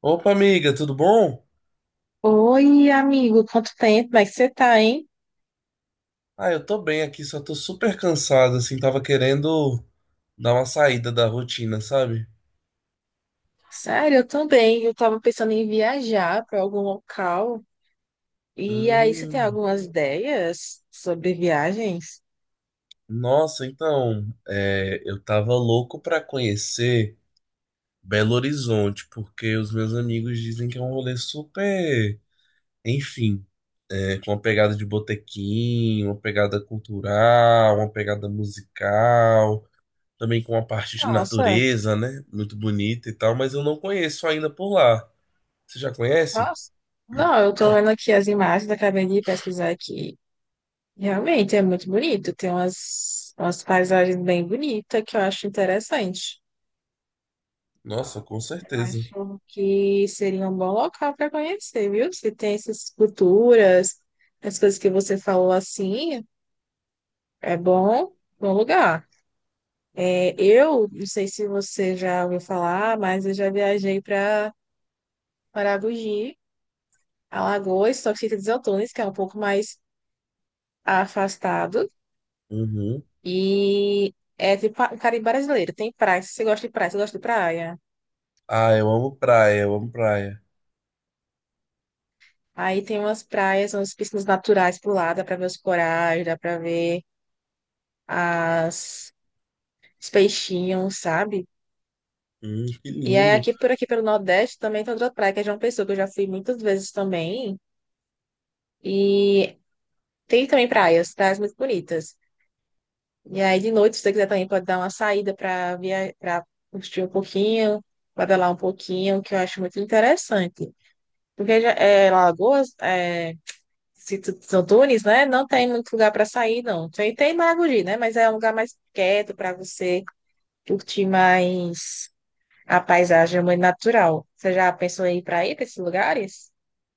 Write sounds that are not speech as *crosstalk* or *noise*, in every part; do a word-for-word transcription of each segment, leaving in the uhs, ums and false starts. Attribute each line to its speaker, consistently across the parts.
Speaker 1: Opa, amiga, tudo bom?
Speaker 2: Oi, amigo, quanto tempo? Como é que você tá, hein?
Speaker 1: Ah, eu tô bem aqui, só tô super cansado, assim, tava querendo dar uma saída da rotina, sabe?
Speaker 2: Sério, eu também. Eu tava pensando em viajar para algum local. E aí, você tem
Speaker 1: Hum,
Speaker 2: algumas ideias sobre viagens?
Speaker 1: Nossa, então, é, eu tava louco pra conhecer Belo Horizonte, porque os meus amigos dizem que é um rolê super, enfim, né, com uma pegada de botequim, uma pegada cultural, uma pegada musical, também com uma parte de
Speaker 2: Nossa,
Speaker 1: natureza, né? Muito bonita e tal, mas eu não conheço ainda por lá. Você já conhece?
Speaker 2: nossa. Não, eu tô vendo aqui as imagens, acabei de pesquisar aqui. Realmente é muito bonito. Tem umas, umas paisagens bem bonitas que eu acho interessante.
Speaker 1: Nossa, com certeza.
Speaker 2: Acho que seria um bom local para conhecer, viu? Se tem essas culturas, as coisas que você falou assim. É bom, bom lugar. É, eu não sei se você já ouviu falar, mas eu já viajei para Maragogi, Alagoas, só que fica em Desaltões, que é um pouco mais afastado.
Speaker 1: Uhum.
Speaker 2: E é tipo o Caribe brasileiro. Tem praia. Se você gosta de praia, você gosta de praia.
Speaker 1: Ah, eu amo praia, eu amo praia.
Speaker 2: Aí tem umas praias, umas piscinas naturais por lá, dá para ver os corais, dá para ver as os peixinhos, sabe?
Speaker 1: Hum, que
Speaker 2: E aí
Speaker 1: lindo.
Speaker 2: aqui por aqui pelo Nordeste também tem outra praia que é João Pessoa, que eu já fui muitas vezes também. E tem também praias, praias muito bonitas. E aí, de noite, se você quiser também, pode dar uma saída para via... para curtir um pouquinho, pedalar um pouquinho, que eu acho muito interessante. Porque já- é, Lagoas, é, se tu- São Tunes, né? Não tem muito lugar para sair, não. Tem, tem Maragogi, né? Mas é um lugar mais quieto para você curtir mais a paisagem muito natural. Você já pensou em ir para aí, para esses lugares?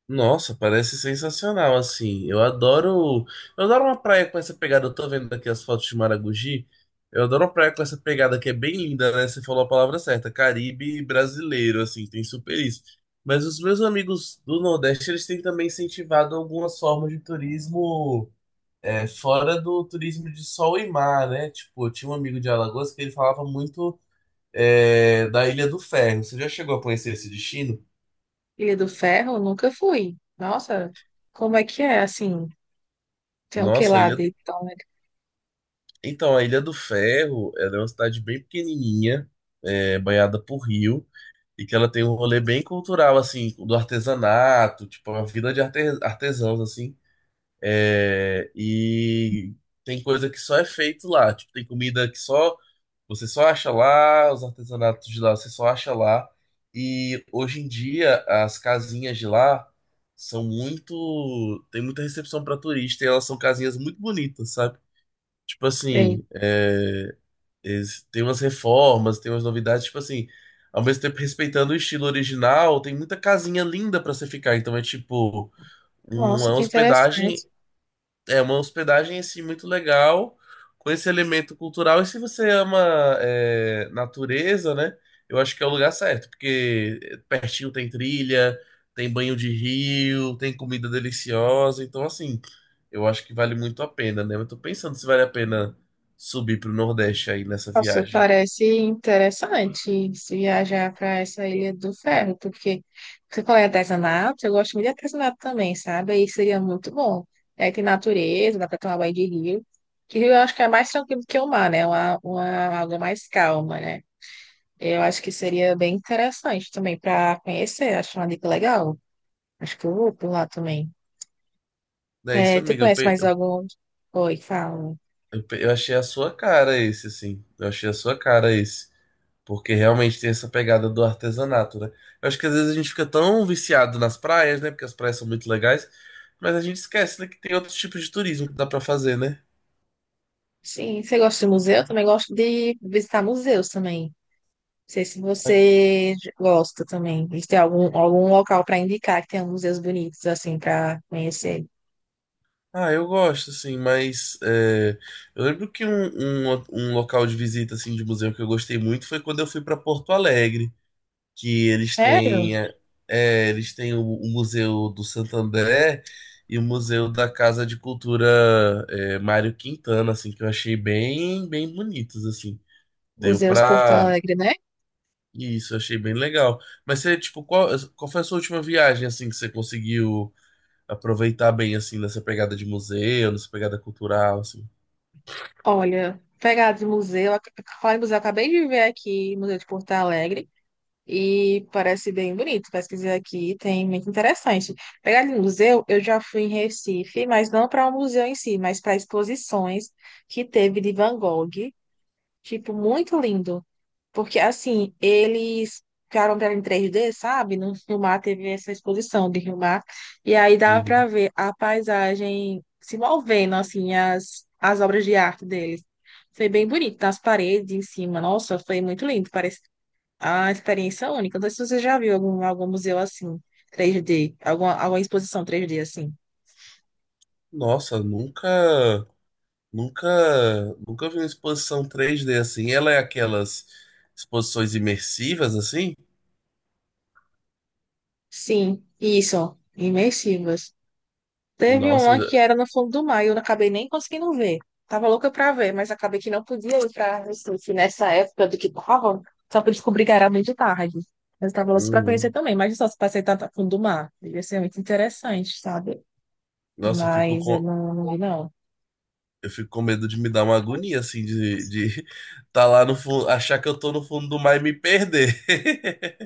Speaker 1: Nossa, parece sensacional, assim. Eu adoro. Eu adoro uma praia com essa pegada. Eu tô vendo aqui as fotos de Maragogi. Eu adoro uma praia com essa pegada que é bem linda, né? Você falou a palavra certa. Caribe brasileiro, assim, tem super isso. Mas os meus amigos do Nordeste, eles têm também incentivado algumas formas de turismo, É, fora do turismo de sol e mar, né? Tipo, eu tinha um amigo de Alagoas que ele falava muito, é, da Ilha do Ferro. Você já chegou a conhecer esse destino?
Speaker 2: Ilha do Ferro, nunca fui. Nossa, como é que é, assim? Tem o que
Speaker 1: Nossa, a
Speaker 2: lá
Speaker 1: Ilha...
Speaker 2: de tão.
Speaker 1: Então, a Ilha do Ferro, ela é uma cidade bem pequenininha, é, banhada por rio, e que ela tem um rolê bem cultural, assim, do artesanato, tipo, uma vida de arte- artesãos, assim. É, e tem coisa que só é feito lá, tipo, tem comida que só... Você só acha lá, os artesanatos de lá, você só acha lá. E hoje em dia, as casinhas de lá são muito. Tem muita recepção para turista e elas são casinhas muito bonitas, sabe? Tipo assim, é, eles- tem umas reformas, tem umas novidades, tipo assim, ao mesmo tempo respeitando o estilo original, tem muita casinha linda para você ficar. Então é tipo
Speaker 2: Nossa,
Speaker 1: uma
Speaker 2: que
Speaker 1: hospedagem,
Speaker 2: interessante.
Speaker 1: é uma hospedagem assim muito legal, com esse elemento cultural. E se você ama, é, natureza, né? Eu acho que é o lugar certo, porque pertinho tem trilha, tem banho de rio, tem comida deliciosa. Então, assim, eu acho que vale muito a pena, né? Eu tô pensando se vale a pena subir pro Nordeste aí nessa
Speaker 2: Nossa,
Speaker 1: viagem.
Speaker 2: parece interessante se viajar para essa Ilha do Ferro, porque você falou em artesanato, eu gosto muito de artesanato também, sabe? Aí seria muito bom. Aí tem natureza, dá para tomar banho de rio. Que rio eu acho que é mais tranquilo que o mar, né? Uma, uma água mais calma, né? Eu acho que seria bem interessante também para conhecer, acho uma dica legal. Acho que eu vou por lá também.
Speaker 1: É isso,
Speaker 2: É, tu
Speaker 1: amiga. Eu,
Speaker 2: conhece
Speaker 1: pe-
Speaker 2: mais
Speaker 1: eu
Speaker 2: algum? Oi, fala.
Speaker 1: Eu, pe- eu achei a sua cara esse, assim. Eu achei a sua cara esse. Porque realmente tem essa pegada do artesanato, né? Eu acho que às vezes a gente fica tão viciado nas praias, né? Porque as praias são muito legais. Mas a gente esquece, né, que tem outros tipos de turismo que dá pra fazer, né?
Speaker 2: Sim, você gosta de museu? Eu também gosto de visitar museus também. Não sei se
Speaker 1: Aí,
Speaker 2: você gosta também. E se tem algum, algum local para indicar que tem museus bonitos, assim, para conhecer.
Speaker 1: ah, eu gosto, assim, mas, é, eu lembro que um, um, um local de visita, assim, de museu que eu gostei muito foi quando eu fui pra Porto Alegre. Que eles
Speaker 2: Sério?
Speaker 1: têm, é, é, eles têm o, o Museu do Santo André e o Museu da Casa de Cultura, é, Mário Quintana, assim, que eu achei bem, bem bonitos, assim. Deu
Speaker 2: Museus Porto
Speaker 1: pra...
Speaker 2: Alegre, né?
Speaker 1: Isso, eu achei bem legal. Mas você, tipo, qual, qual foi a sua última viagem, assim, que você conseguiu aproveitar bem, assim, nessa pegada de museu, nessa pegada cultural, assim?
Speaker 2: Olha, pegado de museu, ac- falar em museu, eu acabei de ver aqui o Museu de Porto Alegre e parece bem bonito. Pesquisei aqui, tem muito interessante. Pegado de museu, eu já fui em Recife, mas não para o museu em si, mas para exposições que teve de Van Gogh. Tipo, muito lindo. Porque, assim, eles ficaram pra em três D, sabe? No Rio-Mar teve essa exposição de Rio-Mar. E aí dava pra
Speaker 1: Uhum.
Speaker 2: ver a paisagem se movendo, assim, as, as obras de arte deles. Foi bem bonito, nas paredes, em cima. Nossa, foi muito lindo. Parece a experiência única. Não sei se você já viu algum, algum museu assim, três D, alguma, alguma exposição três D assim.
Speaker 1: Nossa, nunca... Nunca, nunca vi uma exposição três d assim. Ela é aquelas exposições imersivas assim?
Speaker 2: Sim, isso, imersivas. Teve
Speaker 1: Nossa,
Speaker 2: uma que era no fundo do mar e eu não acabei nem conseguindo ver. Tava louca pra ver, mas acabei que não podia ir pra Recife nessa época do que tava. Só que eu descobri que era muito tarde. Mas eu tava louca pra
Speaker 1: uhum.
Speaker 2: conhecer também. Mas só se passei tanto a fundo do mar. Devia ser muito interessante, sabe?
Speaker 1: Nossa, eu fico
Speaker 2: Mas eu
Speaker 1: com,
Speaker 2: não, não vi, não.
Speaker 1: eu fico com medo de me dar uma agonia assim de, de *laughs* tá lá no fundo, achar que eu tô no fundo do mar e me perder.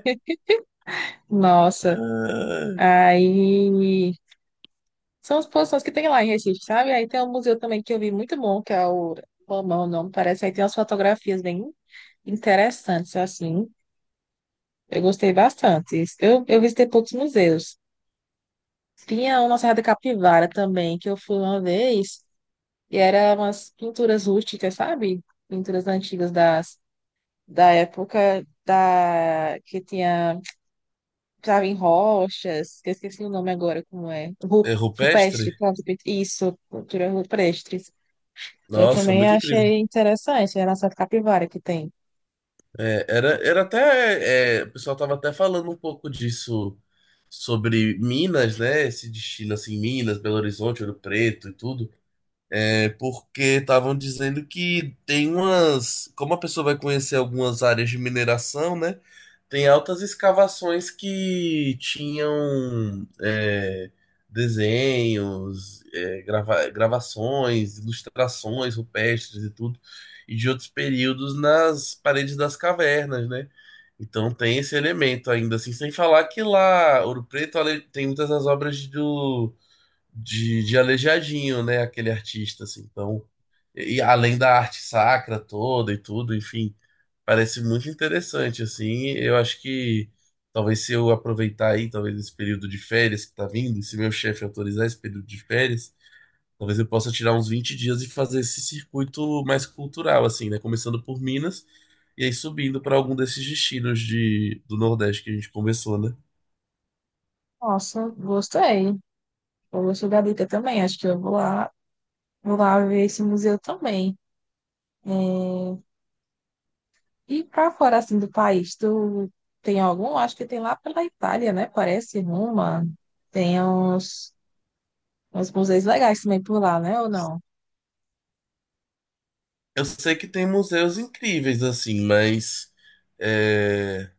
Speaker 1: *laughs*
Speaker 2: Nossa.
Speaker 1: Ah,
Speaker 2: Aí. São as posições que tem lá em Recife, sabe? Aí tem um museu também que eu vi muito bom, que é o. Romão, não parece. Aí tem umas fotografias bem interessantes, assim. Eu gostei bastante. Eu, eu visitei poucos museus. Tinha uma Serra da Capivara também, que eu fui uma vez, e era umas pinturas rústicas, sabe? Pinturas antigas das, da época da, que tinha, estava em rochas, que eu esqueci o nome agora, como é? Ru-
Speaker 1: é
Speaker 2: Rupestre,
Speaker 1: rupestre?
Speaker 2: pronto, pin- isso, pintura rupestre. Eu
Speaker 1: Nossa,
Speaker 2: também
Speaker 1: muito incrível.
Speaker 2: achei interessante, era a Serra da Capivara que tem.
Speaker 1: É, era, era até. É, o pessoal tava até falando um pouco disso sobre Minas, né? Esse destino assim, Minas, Belo Horizonte, Ouro Preto e tudo. É porque estavam dizendo que tem umas. Como a pessoa vai conhecer algumas áreas de mineração, né? Tem altas escavações que tinham, é, desenhos, é, grava- gravações, ilustrações rupestres e tudo, e de outros períodos nas paredes das cavernas, né? Então tem esse elemento ainda, assim, sem falar que lá, Ouro Preto, ale- tem muitas das obras do de, de Aleijadinho, né? Aquele artista, assim. Então, e além da arte sacra toda e tudo, enfim, parece muito interessante, assim. Eu acho que talvez se eu aproveitar aí, talvez esse período de férias que tá vindo, e se meu chefe autorizar esse período de férias, talvez eu possa tirar uns vinte dias e fazer esse circuito mais cultural, assim, né? Começando por Minas. E aí subindo para algum desses destinos de, do Nordeste que a gente conversou, né?
Speaker 2: Nossa, gostei. Eu gostei da dica também. Acho que eu vou lá, vou lá ver esse museu também. E para fora assim do país, tu tem algum? Acho que tem lá pela Itália, né? Parece Roma. Tem uns, uns museus legais também por lá, né? Ou não?
Speaker 1: Eu sei que tem museus incríveis, assim, mas, é,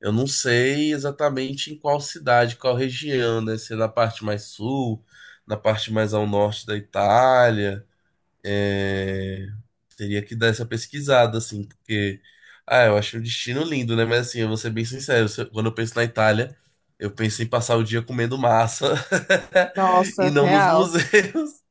Speaker 1: eu não sei exatamente em qual cidade, qual região, né? Se é na parte mais sul, na parte mais ao norte da Itália. é, Teria que dar essa pesquisada, assim, porque. Ah, eu acho o destino lindo, né? Mas assim, eu vou ser bem sincero, se eu- quando eu penso na Itália, eu penso em passar o dia comendo massa *laughs* e
Speaker 2: Nossa,
Speaker 1: não nos
Speaker 2: real.
Speaker 1: museus.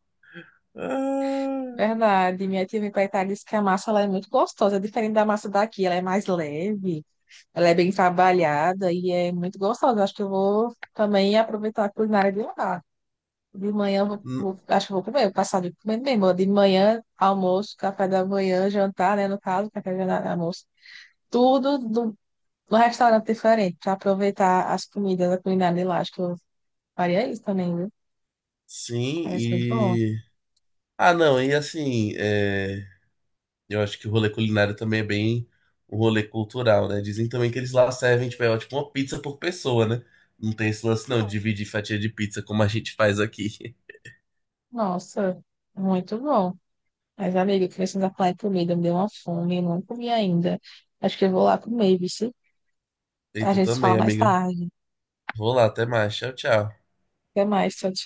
Speaker 1: *laughs* Ah,
Speaker 2: Verdade. Minha tia veio para Itália e disse que a massa ela é muito gostosa, é diferente da massa daqui, ela é mais leve, ela é bem trabalhada e é muito gostosa. Acho que eu vou também aproveitar a culinária de lá. De manhã, eu vou,
Speaker 1: n-
Speaker 2: vou- acho que eu vou comer, vou passar de comendo mesmo. De manhã, almoço, café da manhã, jantar, né? No caso, café da manhã, almoço. Tudo no, no restaurante diferente, para aproveitar as comidas da culinária de lá. Acho que eu faria isso também, viu? Parece muito bom.
Speaker 1: sim, ah, não, e assim, é, eu acho que o rolê culinário também é bem um rolê cultural, né? Dizem também que eles lá servem, tipo, é, tipo uma pizza por pessoa, né? Não tem esse lance, não, de dividir fatia de pizza como a gente faz aqui.
Speaker 2: Nossa, muito bom. Mas, amigo, começando a falar em comida, me deu uma fome, eu não comi ainda. Acho que eu vou lá comer, viu?
Speaker 1: *laughs*
Speaker 2: A
Speaker 1: Eita,
Speaker 2: gente se fala
Speaker 1: também,
Speaker 2: mais
Speaker 1: amiga.
Speaker 2: tarde.
Speaker 1: Vou lá, até mais. Tchau, tchau.
Speaker 2: Até mais, tchau, tchau.